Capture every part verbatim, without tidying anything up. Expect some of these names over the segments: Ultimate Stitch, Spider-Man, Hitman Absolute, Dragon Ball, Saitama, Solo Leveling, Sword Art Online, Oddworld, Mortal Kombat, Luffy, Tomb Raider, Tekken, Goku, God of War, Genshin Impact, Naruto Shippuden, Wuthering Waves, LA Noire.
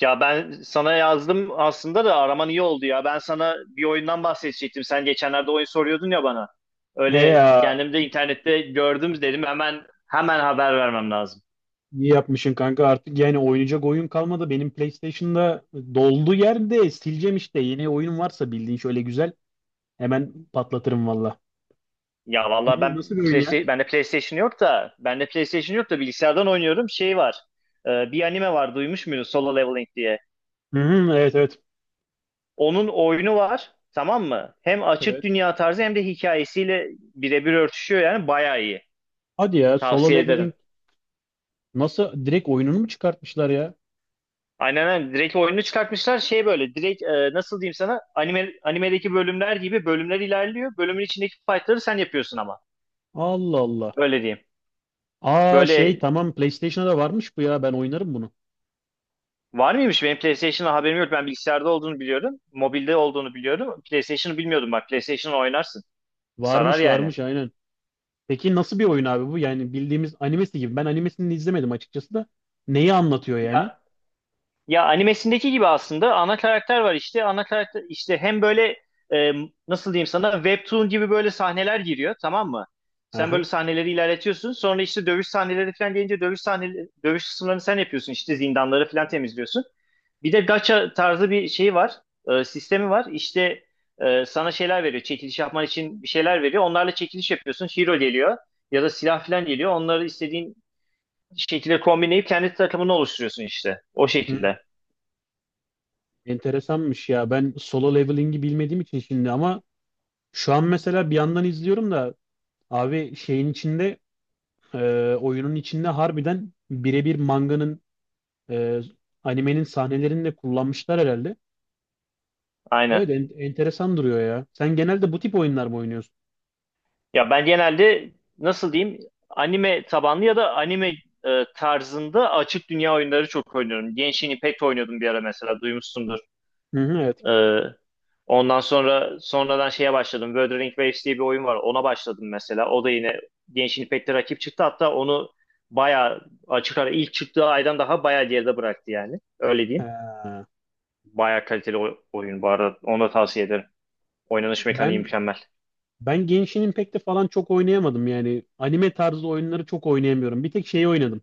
Ya ben sana yazdım aslında da araman iyi oldu ya. Ben sana bir oyundan bahsedecektim. Sen geçenlerde oyun soruyordun ya bana. He Öyle ya, kendim de internette gördüm dedim hemen hemen haber vermem lazım. iyi yapmışsın kanka, artık yani oynayacak oyun kalmadı. Benim PlayStation'da doldu, yerde sileceğim işte. Yeni oyun varsa bildiğin şöyle güzel hemen patlatırım valla. Ya vallahi Ne, nasıl ben bir oyun ya? PlayStation, bende PlayStation yok da bende PlayStation yok da bilgisayardan oynuyorum. Şey var. E, bir anime var duymuş muydun? Solo Leveling diye. Hı hı, evet evet. Onun oyunu var. Tamam mı? Hem açık Evet. dünya tarzı hem de hikayesiyle birebir örtüşüyor yani bayağı iyi. Hadi ya, solo Tavsiye ederim. leveling, nasıl direkt oyununu mu çıkartmışlar ya? Aynen aynen. Direkt oyunu çıkartmışlar. Şey böyle direkt e, nasıl diyeyim sana anime, animedeki bölümler gibi bölümler ilerliyor. Bölümün içindeki fightları sen yapıyorsun ama. Allah Allah. Öyle diyeyim. Aa şey, Böyle tamam PlayStation'da da varmış bu ya, ben oynarım bunu. var mıymış? Benim PlayStation'da haberim yok. Ben bilgisayarda olduğunu biliyorum. Mobilde olduğunu biliyorum. PlayStation'ı bilmiyordum bak. PlayStation'ı oynarsın. Sarar Varmış yani. varmış, aynen. Peki nasıl bir oyun abi bu? Yani bildiğimiz animesi gibi. Ben animesini izlemedim açıkçası da. Neyi anlatıyor yani? Ya, Ya animesindeki gibi aslında ana karakter var işte. Ana karakter işte hem böyle e, nasıl diyeyim sana webtoon gibi böyle sahneler giriyor tamam mı? Sen böyle Aha. sahneleri ilerletiyorsun. Sonra işte dövüş sahneleri falan gelince dövüş sahneleri, dövüş kısımlarını sen yapıyorsun. İşte zindanları falan temizliyorsun. Bir de gacha tarzı bir şey var. E, sistemi var. İşte e, sana şeyler veriyor. Çekiliş yapman için bir şeyler veriyor. Onlarla çekiliş yapıyorsun. Hero geliyor ya da silah falan geliyor. Onları istediğin şekilde kombinleyip kendi takımını oluşturuyorsun işte. O şekilde. Enteresanmış ya. Ben solo leveling'i bilmediğim için şimdi, ama şu an mesela bir yandan izliyorum da abi şeyin içinde, e, oyunun içinde harbiden birebir manganın, e, animenin sahnelerini de kullanmışlar herhalde. Aynen. Evet, en- enteresan duruyor ya. Sen genelde bu tip oyunlar mı oynuyorsun? Ya ben genelde nasıl diyeyim anime tabanlı ya da anime e, tarzında açık dünya oyunları çok oynuyorum. Genshin Impact oynuyordum bir ara mesela duymuşsundur. Hı hı, evet. E, Ondan sonra sonradan şeye başladım. Wuthering Waves diye bir oyun var. Ona başladım mesela. O da yine Genshin Impact'te rakip çıktı. Hatta onu bayağı açık ara ilk çıktığı aydan daha bayağı geride bıraktı yani. Öyle diyeyim. Ha. Bayağı kaliteli o- oyun bu arada. Onu da tavsiye ederim. Oynanış mekaniği Ben mükemmel. ben Genshin Impact'te falan çok oynayamadım yani. Anime tarzı oyunları çok oynayamıyorum. Bir tek şeyi oynadım.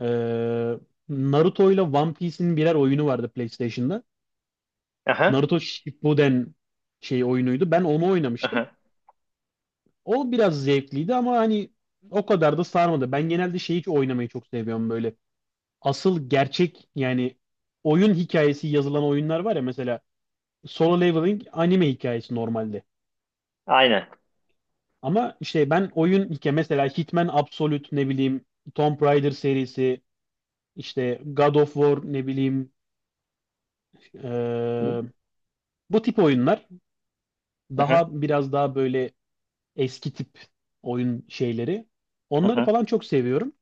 Ee, Naruto ile One Piece'in birer oyunu vardı PlayStation'da. Aha, Naruto Shippuden şey oyunuydu. Ben onu oynamıştım. aha. O biraz zevkliydi ama hani o kadar da sarmadı. Ben genelde şeyi hiç oynamayı çok seviyorum böyle. Asıl gerçek yani oyun hikayesi yazılan oyunlar var ya, mesela Solo Leveling anime hikayesi normalde. Aynen. Ama işte ben oyun hikaye mesela Hitman Absolute, ne bileyim Tomb Raider serisi, işte God of War, ne bileyim, Hı eee, bu tip oyunlar hı, daha biraz daha böyle eski tip oyun şeyleri. Onları hı. falan çok seviyorum.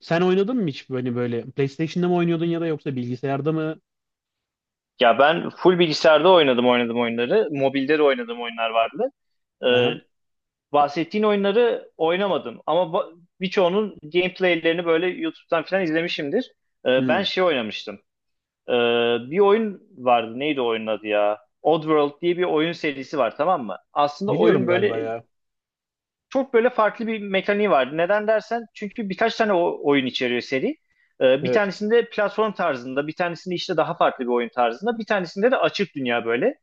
Sen oynadın mı hiç böyle böyle PlayStation'da mı oynuyordun ya da yoksa bilgisayarda mı? Ya ben full bilgisayarda oynadım oynadım oyunları. Mobilde de oynadım oyunlar vardı. Ee, Aha. Bahsettiğin oyunları oynamadım. Ama ba- birçoğunun gameplaylerini böyle YouTube'dan falan izlemişimdir. Ee, ben Hmm. şey oynamıştım. Ee, Bir oyun vardı. Neydi oyunun adı ya? Oddworld diye bir oyun serisi var tamam mı? Aslında Biliyorum oyun galiba böyle ya. çok böyle farklı bir mekaniği vardı. Neden dersen çünkü birkaç tane o- oyun içeriyor seri. Ee, bir Evet. tanesinde platform tarzında, bir tanesinde işte daha farklı bir oyun tarzında, bir tanesinde de açık dünya böyle.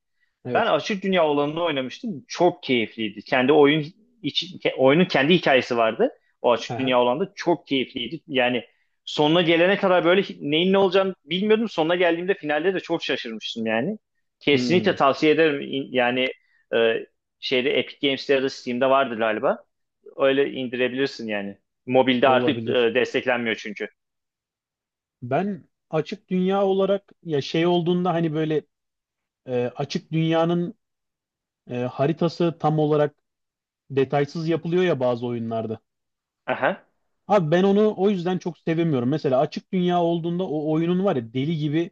Ben Evet. Açık Dünya olanını oynamıştım. Çok keyifliydi. Kendi oyun içi- ke- oyunun kendi hikayesi vardı. O Açık Aha. Dünya olanda çok keyifliydi. Yani sonuna gelene kadar böyle hi- neyin ne olacağını bilmiyordum. Sonuna geldiğimde finalde de çok şaşırmıştım yani. Kesinlikle Hmm. tavsiye ederim. İn- Yani e, şeyde Epic Games'te ya da Steam'de vardır galiba. Öyle indirebilirsin yani. Mobilde artık Olabilir. e, desteklenmiyor çünkü. Ben açık dünya olarak ya şey olduğunda hani böyle, e, açık dünyanın, e, haritası tam olarak detaysız yapılıyor ya bazı oyunlarda. Aha. Abi ben onu o yüzden çok sevemiyorum. Mesela açık dünya olduğunda o oyunun var ya, deli gibi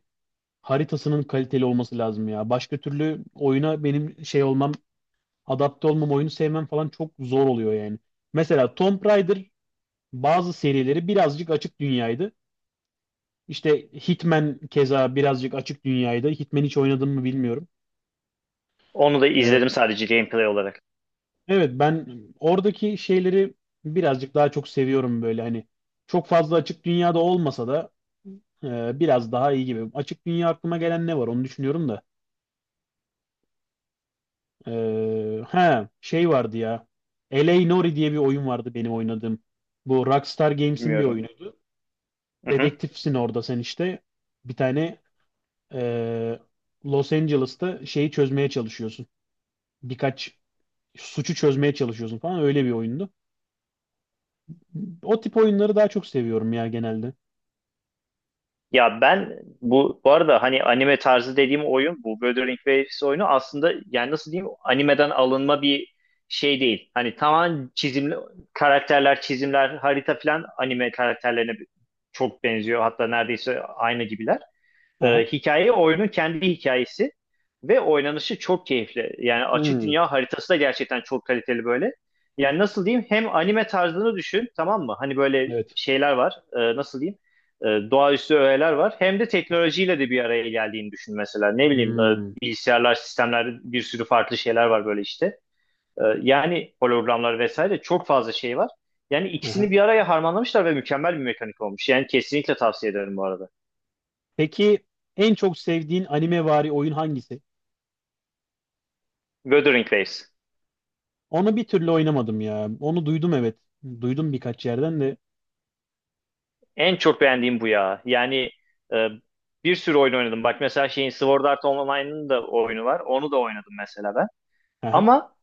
haritasının kaliteli olması lazım ya. Başka türlü oyuna benim şey olmam, adapte olmam, oyunu sevmem falan çok zor oluyor yani. Mesela Tomb Raider bazı serileri birazcık açık dünyaydı. İşte Hitman keza birazcık açık dünyaydı. Hitman hiç oynadım mı bilmiyorum. Onu da Ee, izledim sadece gameplay olarak. evet ben oradaki şeyleri birazcık daha çok seviyorum böyle hani. Çok fazla açık dünyada olmasa da e, biraz daha iyi gibi. Açık dünya aklıma gelen ne var onu düşünüyorum da. Ee, he, şey vardı ya. L A Noire diye bir oyun vardı benim oynadığım. Bu Rockstar Games'in bir Bilmiyorum. oyunuydu. Hı hı. Dedektifsin orada sen işte. Bir tane, ee, Los Angeles'ta şeyi çözmeye çalışıyorsun. Birkaç suçu çözmeye çalışıyorsun falan, öyle bir oyundu. O tip oyunları daha çok seviyorum ya genelde. Ya ben bu bu arada hani anime tarzı dediğim oyun bu Wuthering Waves oyunu aslında yani nasıl diyeyim animeden alınma bir şey değil. Hani tamamen çizimli karakterler, çizimler, harita falan anime karakterlerine çok benziyor. Hatta neredeyse aynı gibiler. Ee, Aha. Hikaye oyunun kendi hikayesi ve oynanışı çok keyifli. Yani açık Hmm, dünya haritası da gerçekten çok kaliteli böyle. Yani nasıl diyeyim hem anime tarzını düşün tamam mı? Hani böyle evet. şeyler var e, nasıl diyeyim e, doğaüstü öğeler var. Hem de Aha. teknolojiyle de bir araya geldiğini düşün mesela. Ne bileyim e, Hmm, bilgisayarlar, sistemler bir sürü farklı şeyler var böyle işte. E, yani hologramlar vesaire çok fazla şey var. Yani aha. ikisini bir araya harmanlamışlar ve mükemmel bir mekanik olmuş. Yani kesinlikle tavsiye ederim bu arada. Peki en çok sevdiğin animevari oyun hangisi? Wuthering Waves. Onu bir türlü oynamadım ya. Onu duydum, evet. Duydum birkaç yerden de. En çok beğendiğim bu ya. Yani e, bir sürü oyun oynadım. Bak mesela şeyin Sword Art Online'ın da oyunu var. Onu da oynadım mesela ben. Aha. Ama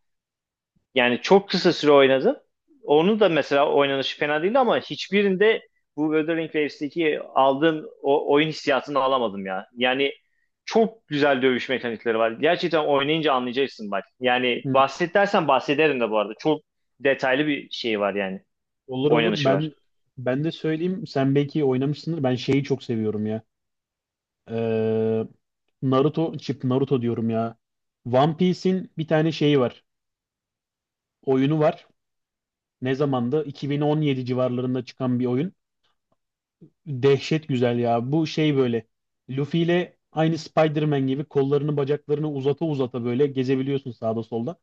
yani çok kısa süre oynadım. Onu da mesela oynanışı fena değildi ama hiçbirinde bu Wuthering Waves'teki aldığım o oyun hissiyatını alamadım ya. Yani çok güzel dövüş mekanikleri var. Gerçekten oynayınca anlayacaksın bak. Yani Hı. bahset dersen bahsederim de bu arada. Çok detaylı bir şey var yani. Olur olur. Oynanışı Ben var. ben de söyleyeyim. Sen belki oynamışsındır. Ben şeyi çok seviyorum ya. Ee, Naruto, Chip Naruto diyorum ya. One Piece'in bir tane şeyi var. Oyunu var. Ne zamandı? iki bin on yedi civarlarında çıkan bir oyun. Dehşet güzel ya. Bu şey böyle. Luffy ile aynı Spider-Man gibi kollarını bacaklarını uzata uzata böyle gezebiliyorsun sağda solda.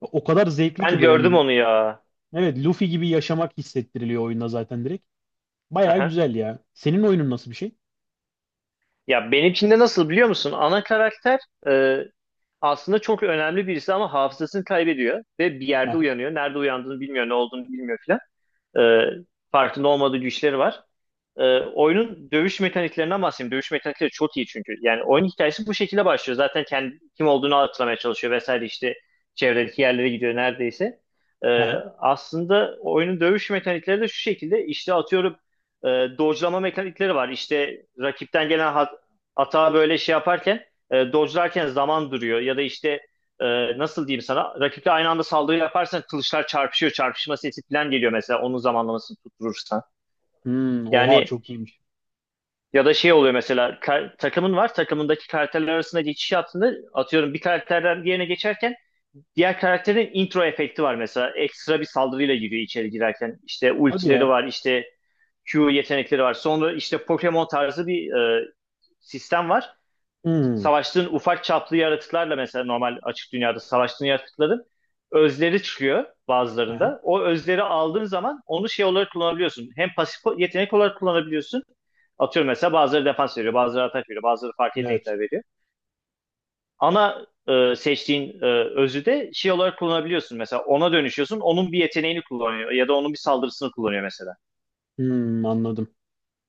O kadar zevkli Ben ki, böyle gördüm hani onu ya. evet Luffy gibi yaşamak hissettiriliyor oyunda zaten direkt. Baya güzel ya. Senin oyunun nasıl bir şey? Ya benim için de nasıl biliyor musun? Ana karakter e, aslında çok önemli birisi ama hafızasını kaybediyor ve bir yerde Aha, uyanıyor. Nerede uyandığını bilmiyor, ne olduğunu bilmiyor filan. E, Farkında olmadığı güçleri var. Ee, oyunun dövüş mekaniklerinden bahsedeyim. Dövüş mekanikleri çok iyi çünkü. Yani oyun hikayesi bu şekilde başlıyor. Zaten kendi kim olduğunu hatırlamaya çalışıyor vesaire işte çevredeki yerlere gidiyor neredeyse. Ee, aha. Aslında oyunun dövüş mekanikleri de şu şekilde işte atıyorum e, dodge'lama mekanikleri var. İşte rakipten gelen hat hata böyle şey yaparken e, dodge'larken zaman duruyor ya da işte e, nasıl diyeyim sana rakiple aynı anda saldırı yaparsan kılıçlar çarpışıyor. Çarpışma sesi falan geliyor mesela onun zamanlamasını tutturursan. Hmm, oha Yani çok iyiymiş. ya da şey oluyor mesela kar- takımın var takımındaki karakterler arasında geçiş yaptığında atıyorum bir karakterden diğerine geçerken diğer karakterin intro efekti var mesela ekstra bir saldırıyla giriyor içeri girerken işte Hadi ultileri ya. var işte kü yetenekleri var sonra işte Pokemon tarzı bir e, sistem var Hmm, savaştığın ufak çaplı yaratıklarla mesela normal açık dünyada savaştığın yaratıkların özleri çıkıyor aha, bazılarında. O özleri aldığın zaman onu şey olarak kullanabiliyorsun. Hem pasif yetenek olarak kullanabiliyorsun. Atıyorum mesela bazıları defans veriyor, bazıları atak veriyor, bazıları farklı evet. yetenekler veriyor. Ana e, seçtiğin e, özü de şey olarak kullanabiliyorsun. Mesela ona dönüşüyorsun, onun bir yeteneğini kullanıyor ya da onun bir saldırısını kullanıyor mesela. Hmm, anladım.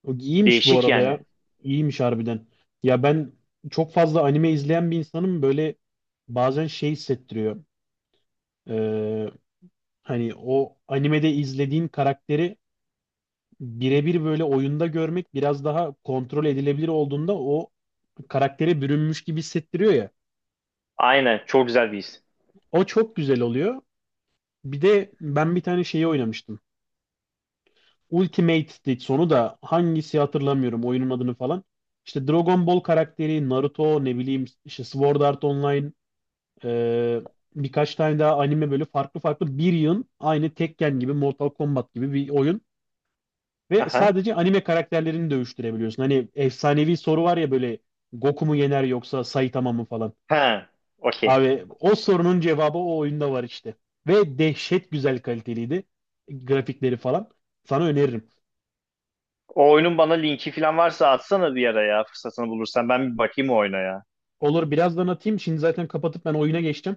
O iyiymiş bu Değişik arada yani. ya. İyiymiş harbiden. Ya ben çok fazla anime izleyen bir insanım böyle, bazen şey hissettiriyor. Ee, hani o animede izlediğin karakteri birebir böyle oyunda görmek biraz daha kontrol edilebilir olduğunda o karaktere bürünmüş gibi hissettiriyor ya. Aynen, çok güzel bir his. O çok güzel oluyor. Bir de ben bir tane şeyi oynamıştım. Ultimate Stitch sonu da hangisi hatırlamıyorum oyunun adını falan. İşte Dragon Ball karakteri, Naruto, ne bileyim işte Sword Art Online, e, birkaç tane daha anime böyle farklı farklı bir yığın, aynı Tekken gibi, Mortal Kombat gibi bir oyun. Ve Aha. sadece anime karakterlerini dövüştürebiliyorsun. Hani efsanevi soru var ya böyle, Goku mu yener yoksa Saitama mı falan. Ha, okey. Abi o sorunun cevabı o oyunda var işte. Ve dehşet güzel kaliteliydi grafikleri falan. Sana öneririm. O oyunun bana linki falan varsa atsana bir ara ya fırsatını bulursan. Ben bir bakayım o oyuna ya. Olur, birazdan atayım. Şimdi zaten kapatıp ben oyuna geçtim.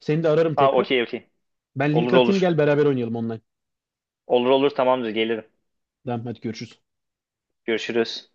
Seni de ararım Ha tekrar. okey okey. Ben link Olur atayım, olur. gel beraber oynayalım online. Olur olur tamamdır gelirim. Tamam hadi görüşürüz. Görüşürüz.